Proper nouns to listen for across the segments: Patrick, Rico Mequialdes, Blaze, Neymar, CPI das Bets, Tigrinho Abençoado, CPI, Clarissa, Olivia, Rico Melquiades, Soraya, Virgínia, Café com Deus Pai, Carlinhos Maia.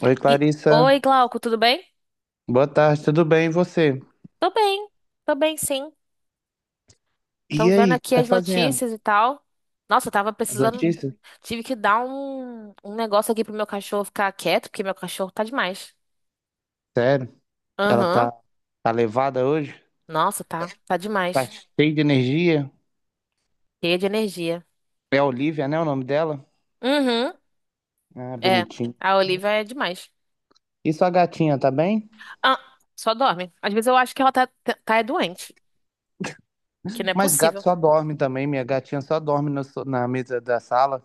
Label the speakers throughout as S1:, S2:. S1: Oi,
S2: E-
S1: Clarissa.
S2: Oi, Glauco, tudo bem?
S1: Boa tarde, tudo bem? E você?
S2: Tô bem, tô bem, sim. Tô
S1: E
S2: vendo
S1: aí, o que
S2: aqui
S1: tá
S2: as
S1: fazendo?
S2: notícias e tal. Nossa, eu tava
S1: As
S2: precisando.
S1: notícias?
S2: Tive que dar um negócio aqui pro meu cachorro ficar quieto, porque meu cachorro tá demais.
S1: Sério? Ela
S2: Aham.
S1: tá, tá levada hoje?
S2: Nossa, tá. Tá
S1: Tá
S2: demais.
S1: cheia de energia?
S2: Cheia de energia.
S1: É a Olivia, né? O nome dela?
S2: Uhum.
S1: Ah,
S2: É.
S1: bonitinho.
S2: A Olivia é demais.
S1: E sua gatinha, tá bem?
S2: Ah, só dorme. Às vezes eu acho que ela tá é doente, que não é
S1: Mas gato
S2: possível.
S1: só dorme também. Minha gatinha só dorme no so- na mesa da sala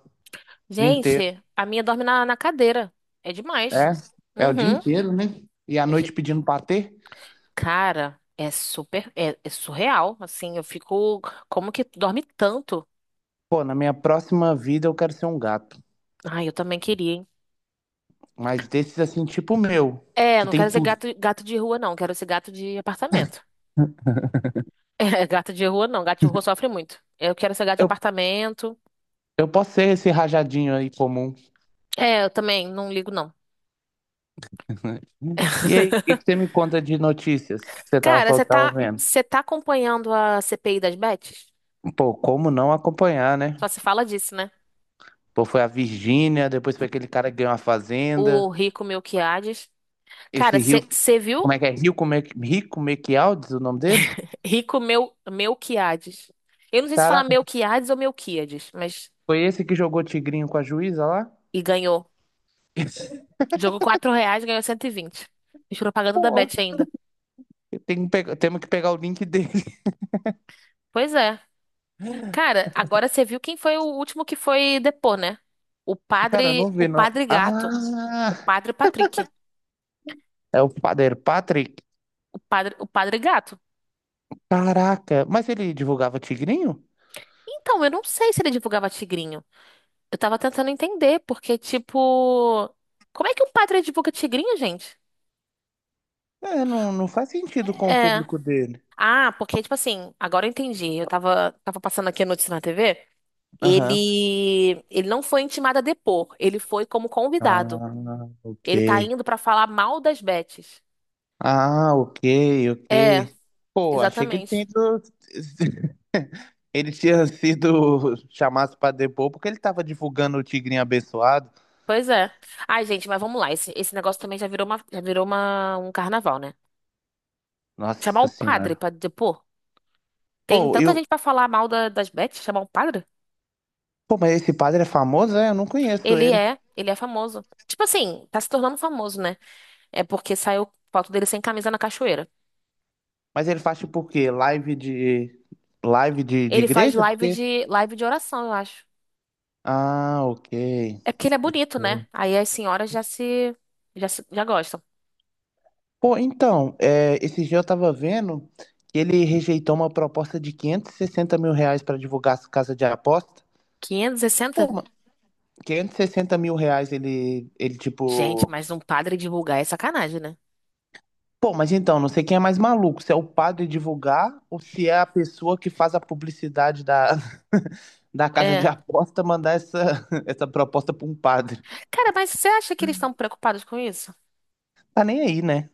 S1: o dia inteiro.
S2: Gente, a minha dorme na cadeira. É demais.
S1: É? É o dia
S2: Uhum.
S1: inteiro, né? E à noite pedindo patê?
S2: Cara, é surreal, assim, eu fico, como que tu dorme tanto?
S1: Pô, na minha próxima vida eu quero ser um gato.
S2: Ai, eu também queria, hein?
S1: Mas desses assim, tipo o meu,
S2: É,
S1: que
S2: não
S1: tem
S2: quero ser
S1: tudo.
S2: gato, gato de rua, não, quero ser gato de apartamento. É, gato de rua, não, gato de rua sofre muito. Eu quero ser gato de apartamento.
S1: Eu posso ser esse rajadinho aí comum.
S2: É, eu também não ligo, não.
S1: E aí, o que que você me conta de notícias que você tava
S2: Cara,
S1: falando
S2: você
S1: que tava
S2: tá,
S1: vendo?
S2: você tá acompanhando a CPI das Bets?
S1: Pô, como não acompanhar, né?
S2: Só se fala disso, né?
S1: Pô, foi a Virgínia, depois foi aquele cara que ganhou a
S2: O
S1: fazenda.
S2: Rico Melquiades.
S1: Esse
S2: Cara,
S1: Rio,
S2: você viu
S1: como é que é? Rico Mequialdes, o nome dele?
S2: Rico Melquiades? Eu não sei se fala
S1: Caraca,
S2: Melquiades ou Melquíades, mas.
S1: foi esse que jogou tigrinho com a juíza lá?
S2: E ganhou. Jogou R$ 4, ganhou 120. Fiz propaganda da
S1: Pô,
S2: Bet ainda.
S1: eu tenho que pegar- temos que pegar o link dele.
S2: Pois é. Cara, agora você viu quem foi o último que foi depor, né? O
S1: Cara, eu
S2: padre,
S1: não
S2: o
S1: vi, não.
S2: padre gato. O
S1: Ah,
S2: padre Patrick.
S1: é o padeiro Patrick.
S2: O padre gato.
S1: Caraca, mas ele divulgava tigrinho?
S2: Então, eu não sei se ele divulgava tigrinho. Eu tava tentando entender, porque, tipo. Como é que um padre divulga tigrinho, gente?
S1: É, não faz sentido com o
S2: É.
S1: público dele.
S2: Ah, porque, tipo assim, agora eu entendi. Eu tava passando aqui a notícia na TV.
S1: Aham.
S2: Ele não foi intimado a depor, ele foi como convidado.
S1: Ah, ok.
S2: Ele tá indo pra falar mal das Betes.
S1: Ah, ok,
S2: É,
S1: ok. Pô, achei que ele tinha
S2: exatamente.
S1: ido... Ele tinha sido chamado pra depor porque ele tava divulgando o Tigrinho Abençoado.
S2: Pois é. Ai, gente, mas vamos lá. Esse negócio também já virou um carnaval, né? Chamar
S1: Nossa
S2: o padre
S1: Senhora.
S2: pra depor. Tem
S1: Pô,
S2: tanta
S1: eu...
S2: gente pra falar mal das Betes, chamar o padre?
S1: Pô, mas esse padre é famoso, é? Eu não conheço
S2: Ele
S1: ele.
S2: é, ele é famoso. Tipo assim, tá se tornando famoso, né? É porque saiu foto dele sem camisa na cachoeira.
S1: Mas ele faz tipo o quê? Live de... Live de
S2: Ele faz
S1: igreja?
S2: live
S1: Porque...
S2: de live de oração, eu acho.
S1: Ah, ok.
S2: É porque ele é bonito, né? Aí as senhoras já se, já se, já gostam.
S1: Pô, então, é, esse dia eu tava vendo que ele rejeitou uma proposta de R$ 560.000 para divulgar a casa de aposta.
S2: Quinhentos e
S1: Pô,
S2: sessenta
S1: ma- R$ 560.000 ele
S2: Gente,
S1: tipo.
S2: mas um padre divulgar é sacanagem, né?
S1: Pô, mas então, não sei quem é mais maluco, se é o padre divulgar ou se é a pessoa que faz a publicidade da, da casa de
S2: É.
S1: aposta mandar essa, essa proposta pra um padre.
S2: Cara, mas você acha que eles estão preocupados com isso?
S1: Tá nem aí, né?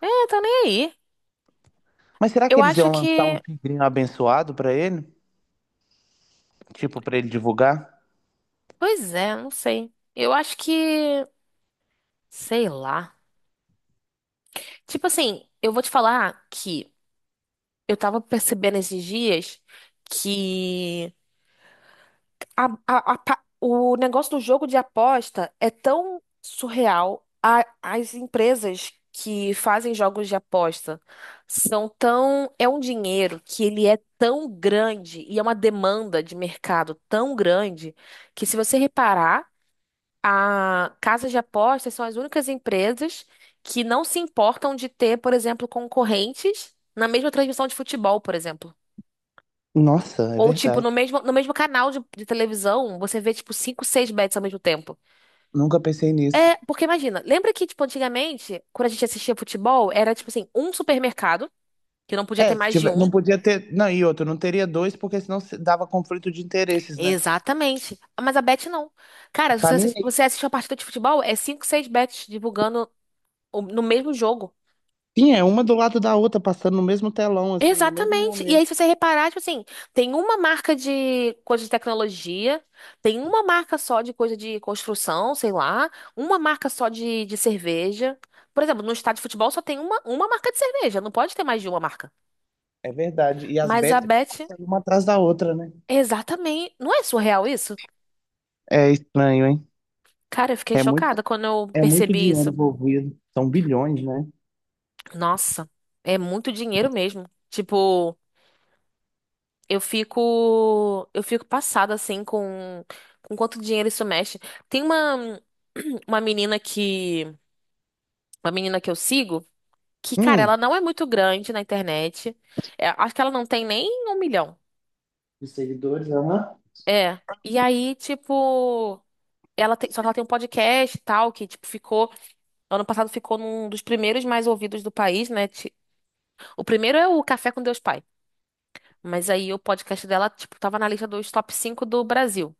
S2: É, tá nem aí.
S1: Mas será que
S2: Eu
S1: eles
S2: acho
S1: iam lançar
S2: que.
S1: um tigrinho abençoado pra ele? Tipo, pra ele divulgar?
S2: Pois é, não sei. Eu acho que. Sei lá. Tipo assim, eu vou te falar que eu tava percebendo esses dias que. O negócio do jogo de aposta é tão surreal. As empresas que fazem jogos de aposta são tão. É um dinheiro que ele é tão grande e é uma demanda de mercado tão grande que, se você reparar, a casas de apostas são as únicas empresas que não se importam de ter, por exemplo, concorrentes na mesma transmissão de futebol, por exemplo.
S1: Nossa, é
S2: Ou, tipo, no
S1: verdade.
S2: mesmo, no mesmo canal de televisão, você vê, tipo, cinco, seis bets ao mesmo tempo.
S1: Nunca pensei nisso.
S2: É, porque imagina, lembra que, tipo, antigamente, quando a gente assistia futebol, era, tipo assim, um supermercado, que não podia ter
S1: É, se
S2: mais de
S1: tiver-
S2: um.
S1: não podia ter. Não, e outro, não teria dois, porque senão se- dava conflito de interesses, né?
S2: Exatamente. Mas a bet não. Cara, se
S1: Tá
S2: você,
S1: nem
S2: assi-
S1: aí.
S2: você assiste uma partida de futebol, é cinco, seis bets divulgando no mesmo jogo.
S1: Sim, é uma do lado da outra, passando no mesmo telão, assim, no mesmo
S2: Exatamente. E
S1: momento.
S2: aí, se você reparar, tipo assim, tem uma marca de coisa de tecnologia, tem uma marca só de coisa de construção, sei lá, uma marca só de cerveja. Por exemplo, no estádio de futebol só tem uma marca de cerveja, não pode ter mais de uma marca.
S1: É verdade. E as
S2: Mas a
S1: betas
S2: Bet,
S1: passando uma atrás da outra, né?
S2: exatamente. Não é surreal isso?
S1: É estranho, hein?
S2: Cara, eu fiquei
S1: É muito,
S2: chocada quando eu
S1: é muito
S2: percebi
S1: dinheiro
S2: isso.
S1: envolvido. São bilhões, né?
S2: Nossa, é muito dinheiro mesmo. Tipo. Eu fico passada assim com quanto dinheiro isso mexe. Tem uma uma menina que, uma menina que eu sigo, que, cara,
S1: Hum.
S2: ela não é muito grande na internet. É, acho que ela não tem nem 1 milhão.
S1: De seguidores, aham.
S2: É. E aí, tipo, só que ela tem um podcast e tal, que, tipo, ficou, ano passado ficou num dos primeiros mais ouvidos do país, né? O primeiro é o Café com Deus Pai. Mas aí o podcast dela, tipo, tava na lista dos top 5 do Brasil.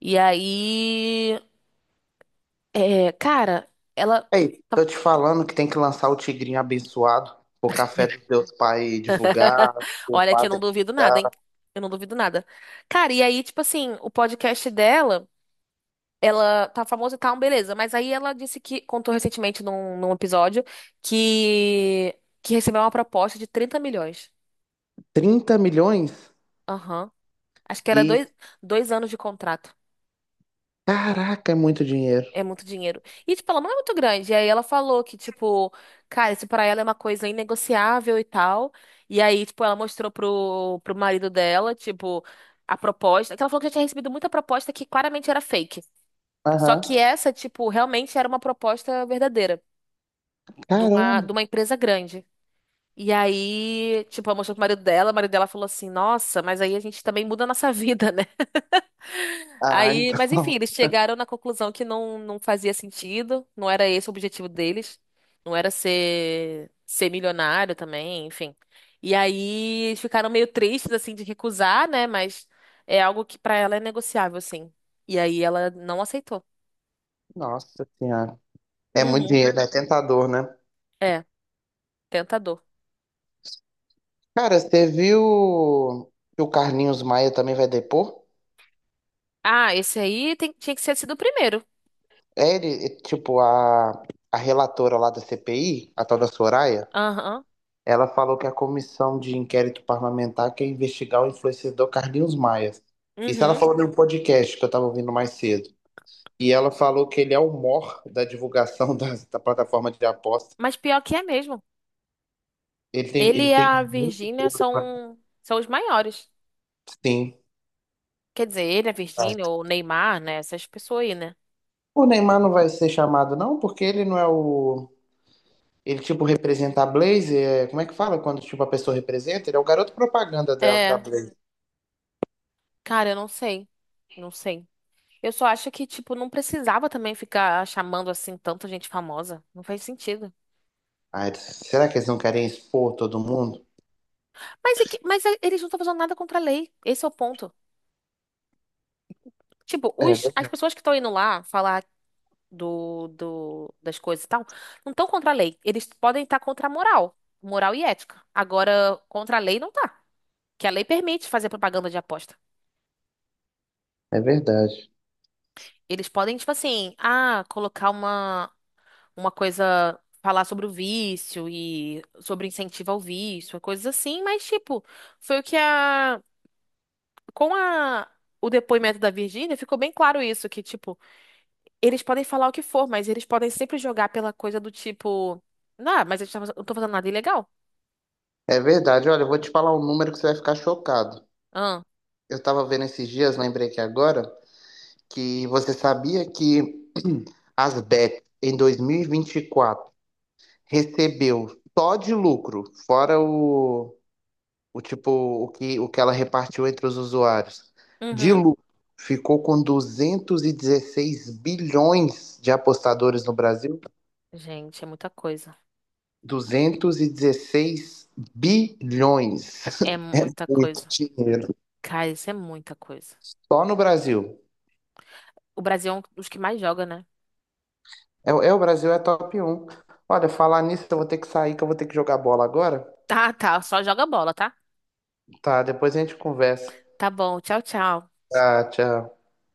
S2: E aí. É, cara, ela.
S1: Ei,
S2: Tá.
S1: tô te falando que tem que lançar o Tigrinho Abençoado, o café dos teus pais divulgar, o
S2: Olha que eu não
S1: padre
S2: duvido nada, hein?
S1: divulgar.
S2: Eu não duvido nada. Cara, e aí, tipo assim, o podcast dela, ela tá famosa e tal, beleza. Mas aí ela disse que, contou recentemente num episódio, que, que recebeu uma proposta de 30 milhões.
S1: 30 milhões?
S2: Aham. Acho que era
S1: E,
S2: dois anos de contrato.
S1: caraca, é muito dinheiro.
S2: É muito dinheiro. E, tipo, ela não é muito grande. E aí ela falou que, tipo, cara, isso pra ela é uma coisa inegociável e tal. E aí, tipo, ela mostrou pro marido dela, tipo, a proposta. Que ela falou que já tinha recebido muita proposta que claramente era fake. Só
S1: Aham.
S2: que essa, tipo, realmente era uma proposta verdadeira de uma,
S1: Caramba.
S2: de uma empresa grande. E aí, tipo, ela mostrou pro marido dela, o marido dela falou assim, nossa, mas aí a gente também muda a nossa vida.
S1: Ah,
S2: Aí, mas enfim,
S1: então.
S2: eles chegaram na conclusão que não, não fazia sentido, não era esse o objetivo deles, não era ser milionário também, enfim. E aí eles ficaram meio tristes, assim, de recusar, né? Mas é algo que pra ela é negociável, assim. E aí ela não aceitou.
S1: Nossa Senhora. É muito
S2: Uhum.
S1: dinheiro, né? É tentador, né?
S2: É, tentador.
S1: Cara, você viu que o Carlinhos Maia também vai depor?
S2: Ah, esse aí tinha que ser sido o primeiro.
S1: É ele, é, tipo, a relatora lá da CPI, a tal da Soraya,
S2: Aham.
S1: ela falou que a comissão de inquérito parlamentar quer investigar o influenciador Carlinhos Maia. Isso ela
S2: Uhum.
S1: falou no podcast que eu tava ouvindo mais cedo. E ela falou que ele é o mor da divulgação da plataforma de aposta.
S2: Mas pior que é mesmo. Ele
S1: Ele
S2: e
S1: tem
S2: a
S1: muito
S2: Virgínia
S1: público, né?
S2: são os maiores.
S1: Sim.
S2: Quer dizer, ele, a
S1: Ah.
S2: Virgínia, ou o Neymar, né? Essas pessoas aí, né?
S1: O Neymar não vai ser chamado, não, porque ele não é o. Ele, tipo, representa a Blaze. Como é que fala quando, tipo, a pessoa representa? Ele é o garoto propaganda da
S2: É,
S1: Blaze.
S2: cara, eu não sei. Não sei. Eu só acho que, tipo, não precisava também ficar chamando assim tanta gente famosa. Não faz sentido.
S1: Ai, será que eles não querem expor todo mundo?
S2: Eles não estão fazendo nada contra a lei. Esse é o ponto. Tipo,
S1: É,
S2: as pessoas que estão indo lá falar das coisas e tal, não estão contra a lei. Eles podem estar contra a moral. Moral e ética. Agora, contra a lei não tá. Que a lei permite fazer propaganda de aposta.
S1: é verdade.
S2: Eles podem, tipo assim, ah, colocar uma coisa, falar sobre o vício e sobre incentivo ao vício, coisas assim, mas tipo, foi o que a com a o depoimento da Virgínia ficou bem claro isso, que tipo, eles podem falar o que for, mas eles podem sempre jogar pela coisa do tipo, ah, mas eu não tô fazendo nada ilegal.
S1: É verdade. Olha, eu vou te falar um número que você vai ficar chocado.
S2: Ah,
S1: Eu tava vendo esses dias, lembrei que agora, que você sabia que as bets em dois mil e vinte e quatro recebeu só de lucro, fora o tipo o que ela repartiu entre os usuários.
S2: uhum.
S1: Dilu ficou com 216 bilhões de apostadores no Brasil.
S2: Gente, é muita coisa.
S1: 216 bilhões.
S2: É muita
S1: Muito
S2: coisa.
S1: dinheiro.
S2: Cara, isso é muita coisa.
S1: Só no Brasil.
S2: O Brasil é um dos que mais joga, né?
S1: É, é, o Brasil é top 1. Olha, falar nisso, eu vou ter que sair, que eu vou ter que jogar bola agora.
S2: Tá, tá, só joga bola, tá?
S1: Tá, depois a gente conversa.
S2: Tá bom, tchau, tchau.
S1: Tá, tchau.